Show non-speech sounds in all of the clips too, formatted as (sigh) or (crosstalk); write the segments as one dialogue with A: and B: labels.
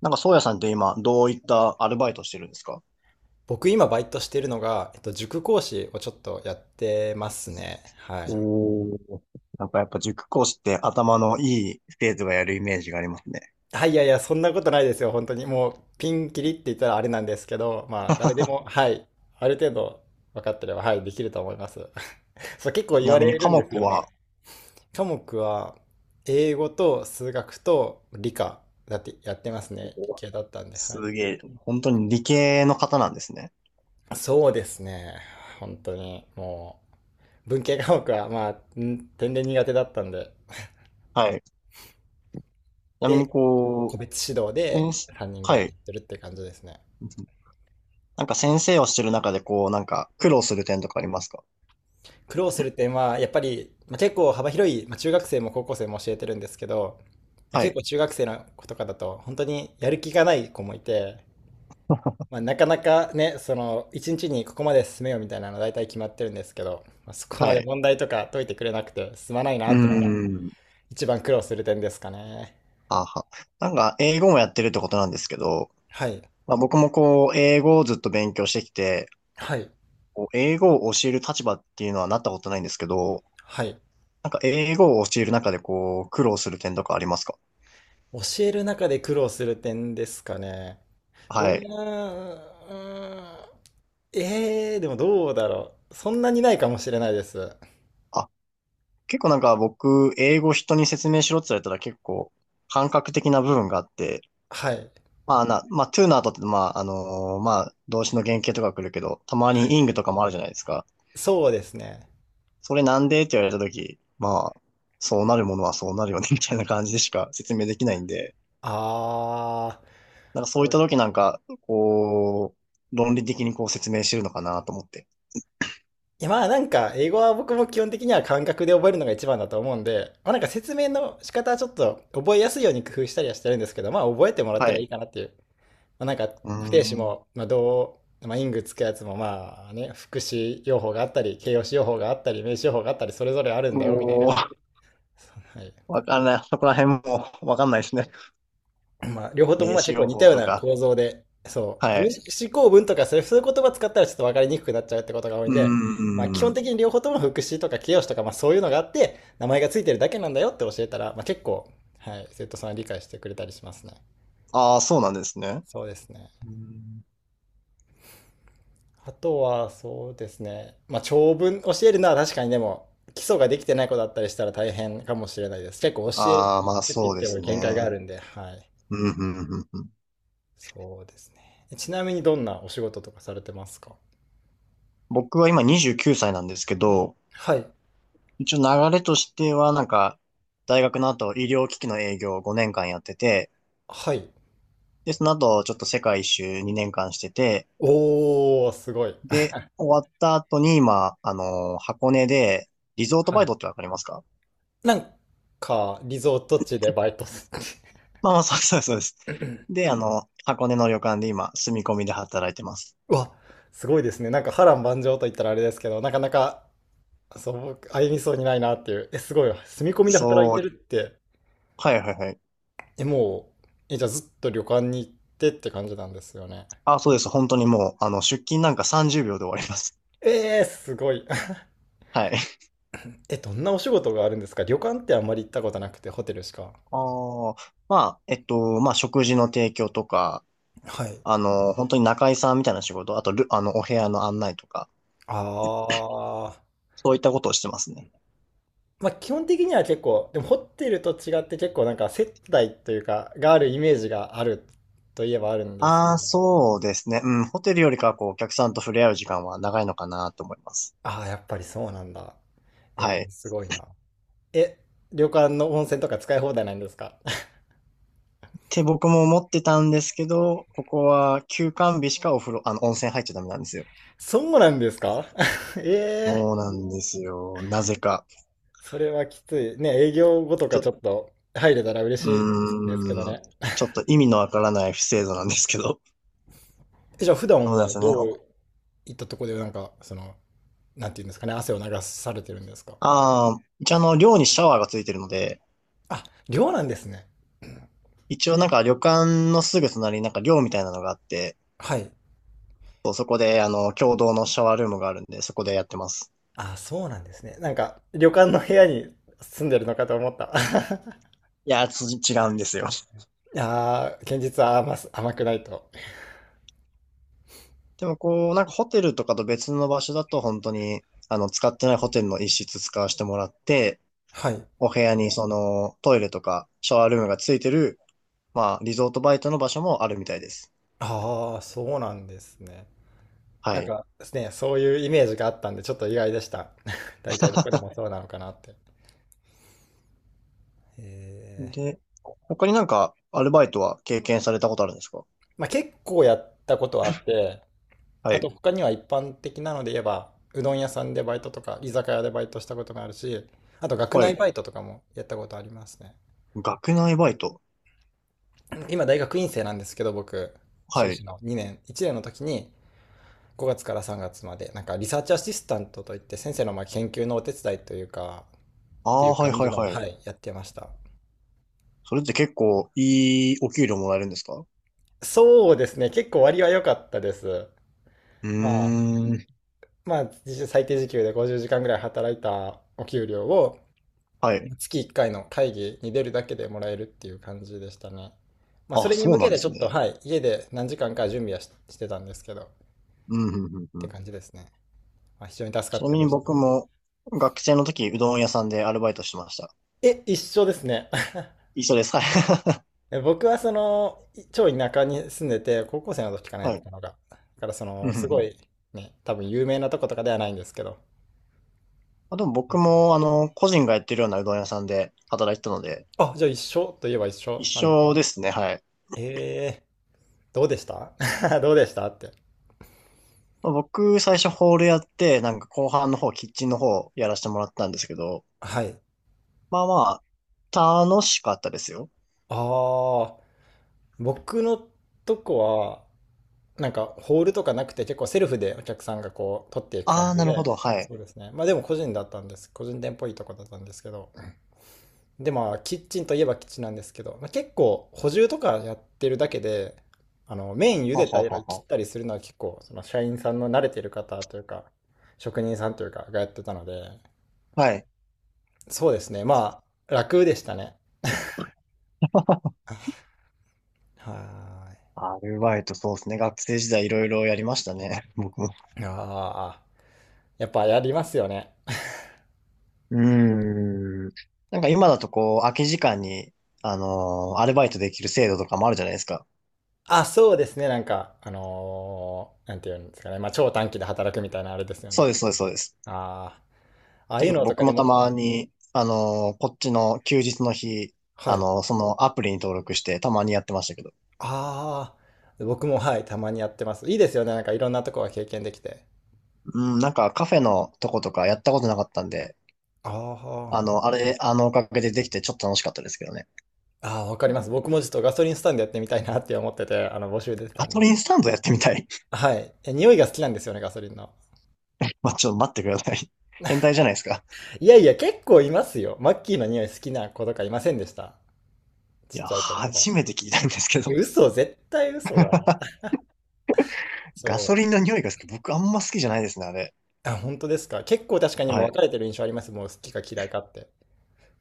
A: なんか、宗谷さんって今、どういったアルバイトしてるんですか？
B: 僕今バイトしてるのが、塾講師をちょっとやってますね。はい。
A: おー。なんかやっぱ塾講師って頭のいい生徒がやるイメージがありますね。
B: はい、いやいや、そんなことないですよ、本当に。もう、ピンキリって言ったらあれなんですけど、まあ、誰でも、はい、ある程度分かってれば、はい、できると思います。(laughs) そう、結構
A: ち
B: 言
A: な
B: わ
A: みに
B: れ
A: 科
B: るんです
A: 目
B: よね。
A: は？
B: 科目は、英語と数学と理科だってやってますね。理系だったんで、はい。
A: すげえ、本当に理系の方なんですね。
B: そうですね。本当に、もう、文系科目は、まあ、天然苦手だったんで。
A: はい。ちなみに
B: で個
A: こ
B: 別指導
A: う、
B: で
A: 先生。
B: 3人ぐ
A: は
B: らいやっ
A: い。
B: てるって感じですね。
A: なんか先生をしてる中でこう、なんか苦労する点とかありますか？
B: 苦労する点はやっぱり、まあ、結構幅広い、まあ、中学生も高校生も教えてるんですけど、まあ、
A: は
B: 結
A: い。
B: 構中学生の子とかだと本当にやる気がない子もいて、まあ、なかなかねその1日にここまで進めようみたいなの大体決まってるんですけど、まあ、そこま
A: は
B: で
A: い。
B: 問題とか解いてくれなくて進まないな
A: うー
B: ってのが
A: ん。
B: 一番苦労する点ですかね。
A: はあはあ。なんか英語もやってるってことなんですけど、
B: はい
A: まあ、僕もこう、英語をずっと勉強してきて、
B: はい
A: こう英語を教える立場っていうのはなったことないんですけど、
B: はい。
A: なんか英語を教える中でこう、苦労する点とかありますか？
B: 教える中で苦労する点ですかね。うー
A: はい。
B: んうーん。でもどうだろう。そんなにないかもしれないです。
A: あ、結構なんか僕、英語人に説明しろって言われたら結構、感覚的な部分があって、
B: はい。
A: まあな、まあ、to の後って、まあ、まあ、動詞の原型とか来るけど、たま
B: は
A: に
B: い。
A: ing とかもあるじゃないですか。
B: そうですね。
A: それなんでって言われたとき、まあ、そうなるものはそうなるよね、みたいな感じでしか説明できないんで、
B: あ
A: なんかそういっ
B: ー。こ
A: た
B: れ、
A: ときなんか、こう、論理的にこう説明してるのかなと思って。
B: いやまあなんか、英語は僕も基本的には感覚で覚えるのが一番だと思うんで、まあなんか説明の仕方はちょっと覚えやすいように工夫したりはしてるんですけど、まあ覚えてもらった
A: は
B: らいい
A: い。
B: かなっていう。まあなんか、
A: うー
B: 不定詞
A: ん。
B: も、まあどう、まあイングつくやつもまあね、副詞用法があったり、形容詞用法があったり、名詞用法があったり、それぞれあるんだよみたいな。
A: おー、
B: はい。
A: わかんない。そこら辺もわかんないですね。
B: まあ、両方とも
A: 名
B: まあ
A: 刺
B: 結構
A: 用
B: 似た
A: 法
B: よう
A: と
B: な
A: か。
B: 構造で、そう、
A: は
B: 分
A: い。
B: 子構文とかそういう言葉使ったらちょっと分かりにくくなっちゃうってことが多い
A: う
B: ん
A: ー
B: で、まあ、基本
A: ん。
B: 的に両方とも副詞とか形容詞とか、まあ、そういうのがあって、名前がついてるだけなんだよって教えたら、まあ、結構、はい、生徒さんは理解してくれたりしますね。
A: ああ、そうなんですね。
B: そうですね。あとは、そうですね。まあ、長文教えるのは確かにでも、基礎ができてない子だったりしたら大変かもしれないです。結構教える
A: ああー、まあ
B: って言
A: そ
B: っ
A: うで
B: ても
A: す
B: 限界があ
A: ね。
B: るんで、はい。
A: うんうんうんうん。
B: そうですね。ちなみにどんなお仕事とかされてますか？
A: 僕は今29歳なんですけど、
B: はい。
A: 一応流れとしてはなんか、大学の後医療機器の営業を5年間やってて、
B: はい。
A: で、その後ちょっと世界一周2年間してて、
B: おー、すごい。
A: で、終わった後に今、あの、箱根でリゾート
B: は
A: バイ
B: い。
A: トってわかりますか？
B: なんか、リゾート地でバイトす (laughs)
A: まあまあ、そうそうそうです。で、あの、箱根の旅館で今、住み込みで働いてます。
B: うわ、すごいですね。なんか波乱万丈と言ったらあれですけど、なかなか、そう、僕歩みそうにないなっていう。え、すごい。住み込みで働い
A: そ
B: て
A: う、
B: るって、
A: はいはいはい。
B: え、もう、え、じゃあずっと旅館に行ってって感じなんですよね。
A: あ、そうです。本当にもう、あの、出勤なんか30秒で終わります。
B: えー、すごい。(laughs)
A: はい。
B: え、どんなお仕事があるんですか？旅館ってあんまり行ったことなくて、ホテルしか。
A: ああ、まあ、まあ、食事の提供とか、
B: はい。
A: あの、本当に仲居さんみたいな仕事、あとル、あの、お部屋の案内とか、
B: あー。
A: そういったことをしてますね。
B: まあ、基本的には結構、でもホテルと違って結構なんか接待というか、があるイメージがあるといえばあるんですけ
A: ああ、
B: ど。
A: そうですね。うん、ホテルよりかは、こう、お客さんと触れ合う時間は長いのかなと思います。
B: ああ、やっぱりそうなんだ。
A: は
B: え
A: い。
B: ー、すごいな。え、旅館の温泉とか使い放題なんですか？
A: て僕も思ってたんですけど、ここは休館日しかお風呂、温泉入っちゃダメなんですよ。
B: (laughs) そうなんですか？ (laughs) ええ、
A: そうなんですよ。なぜか。
B: それはきつい。ね、営業後とかちょ
A: う
B: っと入れたら嬉しいですけど
A: ーん。
B: ね。
A: ちょっと意味のわからない不制度なんですけど。
B: え、じゃあ普
A: そ
B: 段
A: うなんで
B: は
A: すよね。
B: どういったとこでなんか、その、なんていうんですかね、汗を流されてるんですか？
A: ああ、一応寮にシャワーがついてるので、
B: あ、寮なんですね。
A: 一応なんか旅館のすぐ隣になんか寮みたいなのがあって、
B: はい。
A: そう、そこで共同のシャワールームがあるんで、そこでやってます。
B: あ、そうなんですね。なんか、旅館の部屋に住んでるのかと思った。(laughs)
A: いや、違うんですよ。
B: ああ、現実は甘くないと。
A: でもこう、なんかホテルとかと別の場所だと本当に、あの、使ってないホテルの一室使わせてもらって、
B: はい。
A: お部屋にそのトイレとかシャワールームがついてる、まあ、リゾートバイトの場所もあるみたいです。
B: ああ、そうなんですね。
A: は
B: なん
A: い。
B: かですね、そういうイメージがあったんで、ちょっと意外でした。(laughs) 大体どこでもそうなのかなって。ええ。
A: で、他になんかアルバイトは経験されたことあるんですか？
B: まあ結構やったことはあって、
A: は
B: あと
A: い。
B: 他には一般的なので言えば、うどん屋さんでバイトとか、居酒屋でバイトしたことがあるし、あと学
A: は
B: 内
A: い。
B: バイトとかもやったことありますね。
A: 学内バイト。
B: 今大学院生なんですけど僕、修
A: はい。
B: 士の2年1年の時に5月から3月までなんかリサーチアシスタントといって先生のまあ研究のお手伝いというか
A: あ
B: ってい
A: あ、
B: う
A: はい
B: 感
A: は
B: じ
A: い
B: の、
A: はい。
B: はい、やってました。
A: それって結構いいお給料もらえるんですか？う
B: そうですね、結構割は良かったです。
A: ー
B: まあ、
A: ん。
B: まあ実質最低時給で50時間ぐらい働いたお給料を
A: はい。
B: 月1回の会議に出るだけでもらえるっていう感じでしたね。まあそ
A: あ、
B: れに
A: そう
B: 向
A: な
B: け
A: んで
B: てちょ
A: す
B: っと
A: ね。
B: はい家で何時間か準備はしてたんですけどっ
A: うん、うん、うん
B: て
A: うん。
B: 感じですね、まあ、非常に助
A: ち
B: かっ
A: な
B: て
A: み
B: ま
A: に
B: した。
A: 僕も学生の時、うどん屋さんでアルバイトしてました。
B: え、一緒ですね。
A: 一緒です。はい。
B: (laughs) 僕はその、超田舎に住んでて、高校生の時か
A: (laughs)
B: なやっ
A: は
B: て
A: い。
B: たのが。だからそ
A: うん
B: の、
A: う
B: す
A: んう
B: ご
A: ん。
B: い、ね、多分有名なとことかではないんですけど。
A: あ、でも僕も、個人がやってるようなうどん屋さんで働いてたので、
B: あ、じゃあ一緒といえば一
A: 一
B: 緒なんです。
A: 緒ですね。はい。
B: えどうでした？ (laughs) どうでしたって。
A: まあ僕、最初ホールやって、なんか後半の方、キッチンの方やらせてもらったんですけど、
B: はい。
A: まあまあ、楽しかったですよ。
B: ああ、僕のとこは、なんかホールとかなくて結構セルフでお客さんがこう取っていく
A: あ
B: 感
A: あ、
B: じ
A: なるほど。
B: で、
A: はい。
B: そうですね。まあでも個人だったんです。個人店っぽいとこだったんですけど、でまあキッチンといえばキッチンなんですけど、まあ、結構補充とかやってるだけで、あの麺茹
A: は
B: でた
A: は
B: り
A: は
B: 切っ
A: は。
B: たりするのは結構その社員さんの慣れてる方というか職人さんというかがやってたので、
A: はい。
B: そうですね、まあ楽でしたね。は
A: アルバイト、そうですね。学生時代いろいろやりましたね。(laughs) 僕も。
B: ーい。ああ、やっぱやりますよね。
A: うーん。なんか今だとこう、空き時間に、アルバイトできる制度とかもあるじゃないですか。
B: あ、そうですね、なんかなんていうんですかね、まあ超短期で働くみたいなあれですよ
A: そう
B: ね。
A: です、そうです、そうです。
B: ああ、ああいう
A: 結構
B: のとか
A: 僕
B: で
A: もた
B: も、
A: まに、こっちの休日の日、
B: はい。
A: そのアプリに登録してたまにやってましたけど。
B: ああ、僕もはい、たまにやってます。いいですよね、なんかいろんなとこが経験できて。
A: うん、なんかカフェのとことかやったことなかったんで、
B: あ
A: あれ、あのおかげでできてちょっと楽しかったですけどね。
B: あ、ああ、わかります。僕もちょっとガソリンスタンドやってみたいなって思ってて、募集出てた
A: ガ
B: ん
A: ト
B: で。
A: リンスタンドやってみたい。
B: はい。え、匂いが好きなんですよね、ガソリンの。
A: (laughs) まあ、ちょっと待ってください。変態じゃないですか。
B: いやいや、結構いますよ。マッキーの匂い好きな子とかいませんでした？
A: い
B: ちっ
A: や、
B: ちゃい子とか。
A: 初めて聞いたんですけ
B: え、
A: ど。
B: 嘘、絶対嘘だ。
A: ガ
B: そ
A: ソ
B: う。
A: リンの匂いが好き。僕あんま好きじゃないですね、あれ。
B: あ、本当ですか？結構確かにも
A: は
B: う
A: い。
B: 分かれてる印象あります。もう好きか嫌いかって。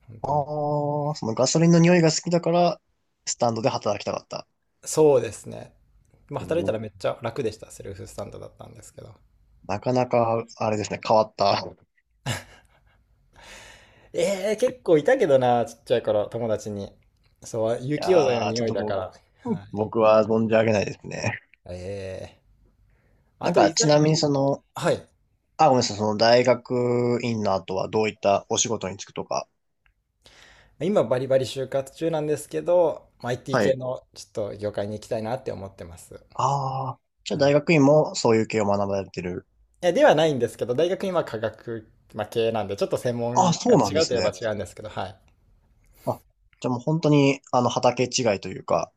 B: 本当に。
A: ああ、そのガソリンの匂いが好きだから、スタンドで働きたかった。
B: そうですね。まあ、
A: お
B: 働いた
A: ー、
B: らめっちゃ楽でした。セルフスタンドだったんですけど。
A: なかなか、あれですね、変わった。い
B: ええー、結構いたけどな、ちっちゃい頃、友達に。そう、雪溶剤の
A: やー、ちょ
B: 匂
A: っ
B: い
A: と
B: だか
A: も
B: ら。
A: う、
B: は
A: 僕は存じ上げないですね。
B: い、ええー、あ
A: なん
B: と、
A: か、
B: いざ、
A: ちなみにその、
B: はい。
A: あ、ごめんなさい、その大学院の後はどういったお仕事に就くとか。
B: 今、バリバリ就活中なんですけど、まあ IT
A: は
B: 系
A: い。
B: のちょっと業界に行きたいなって思ってます。
A: ああ、じゃあ
B: はい。
A: 大
B: い
A: 学院もそういう系を学ばれてる。
B: やではないんですけど、大学今、科学、まあ、系なんで、ちょっと専
A: あ、
B: 門
A: そ
B: が
A: うなんで
B: 違うと
A: す
B: いえば
A: ね。
B: 違うんですけど、はい。
A: あ、じゃあもう本当に、畑違いというか。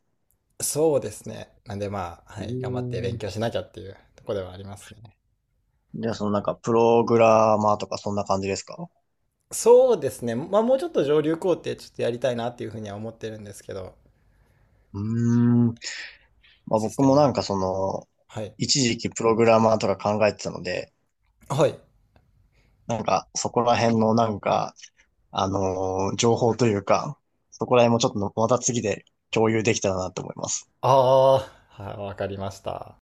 B: そうですね。なんで、まあ、
A: う
B: は
A: ー
B: い、頑張って勉
A: ん。
B: 強しなきゃっていうところではありますね。
A: じゃあ、そのなんか、プログラマーとかそんな感じですか？
B: そうですね。まあ、もうちょっと上流工程ちょっとやりたいなっていうふうには思ってるんですけど、
A: うーん。まあ
B: シス
A: 僕
B: テ
A: も
B: ム。
A: なんかその、
B: はい。
A: 一時期プログラマーとか考えてたので、
B: はい。
A: なんか、そこら辺のなんか、情報というか、そこら辺もちょっとまた次で共有できたらなと思います。
B: ああ、はい、わかりました。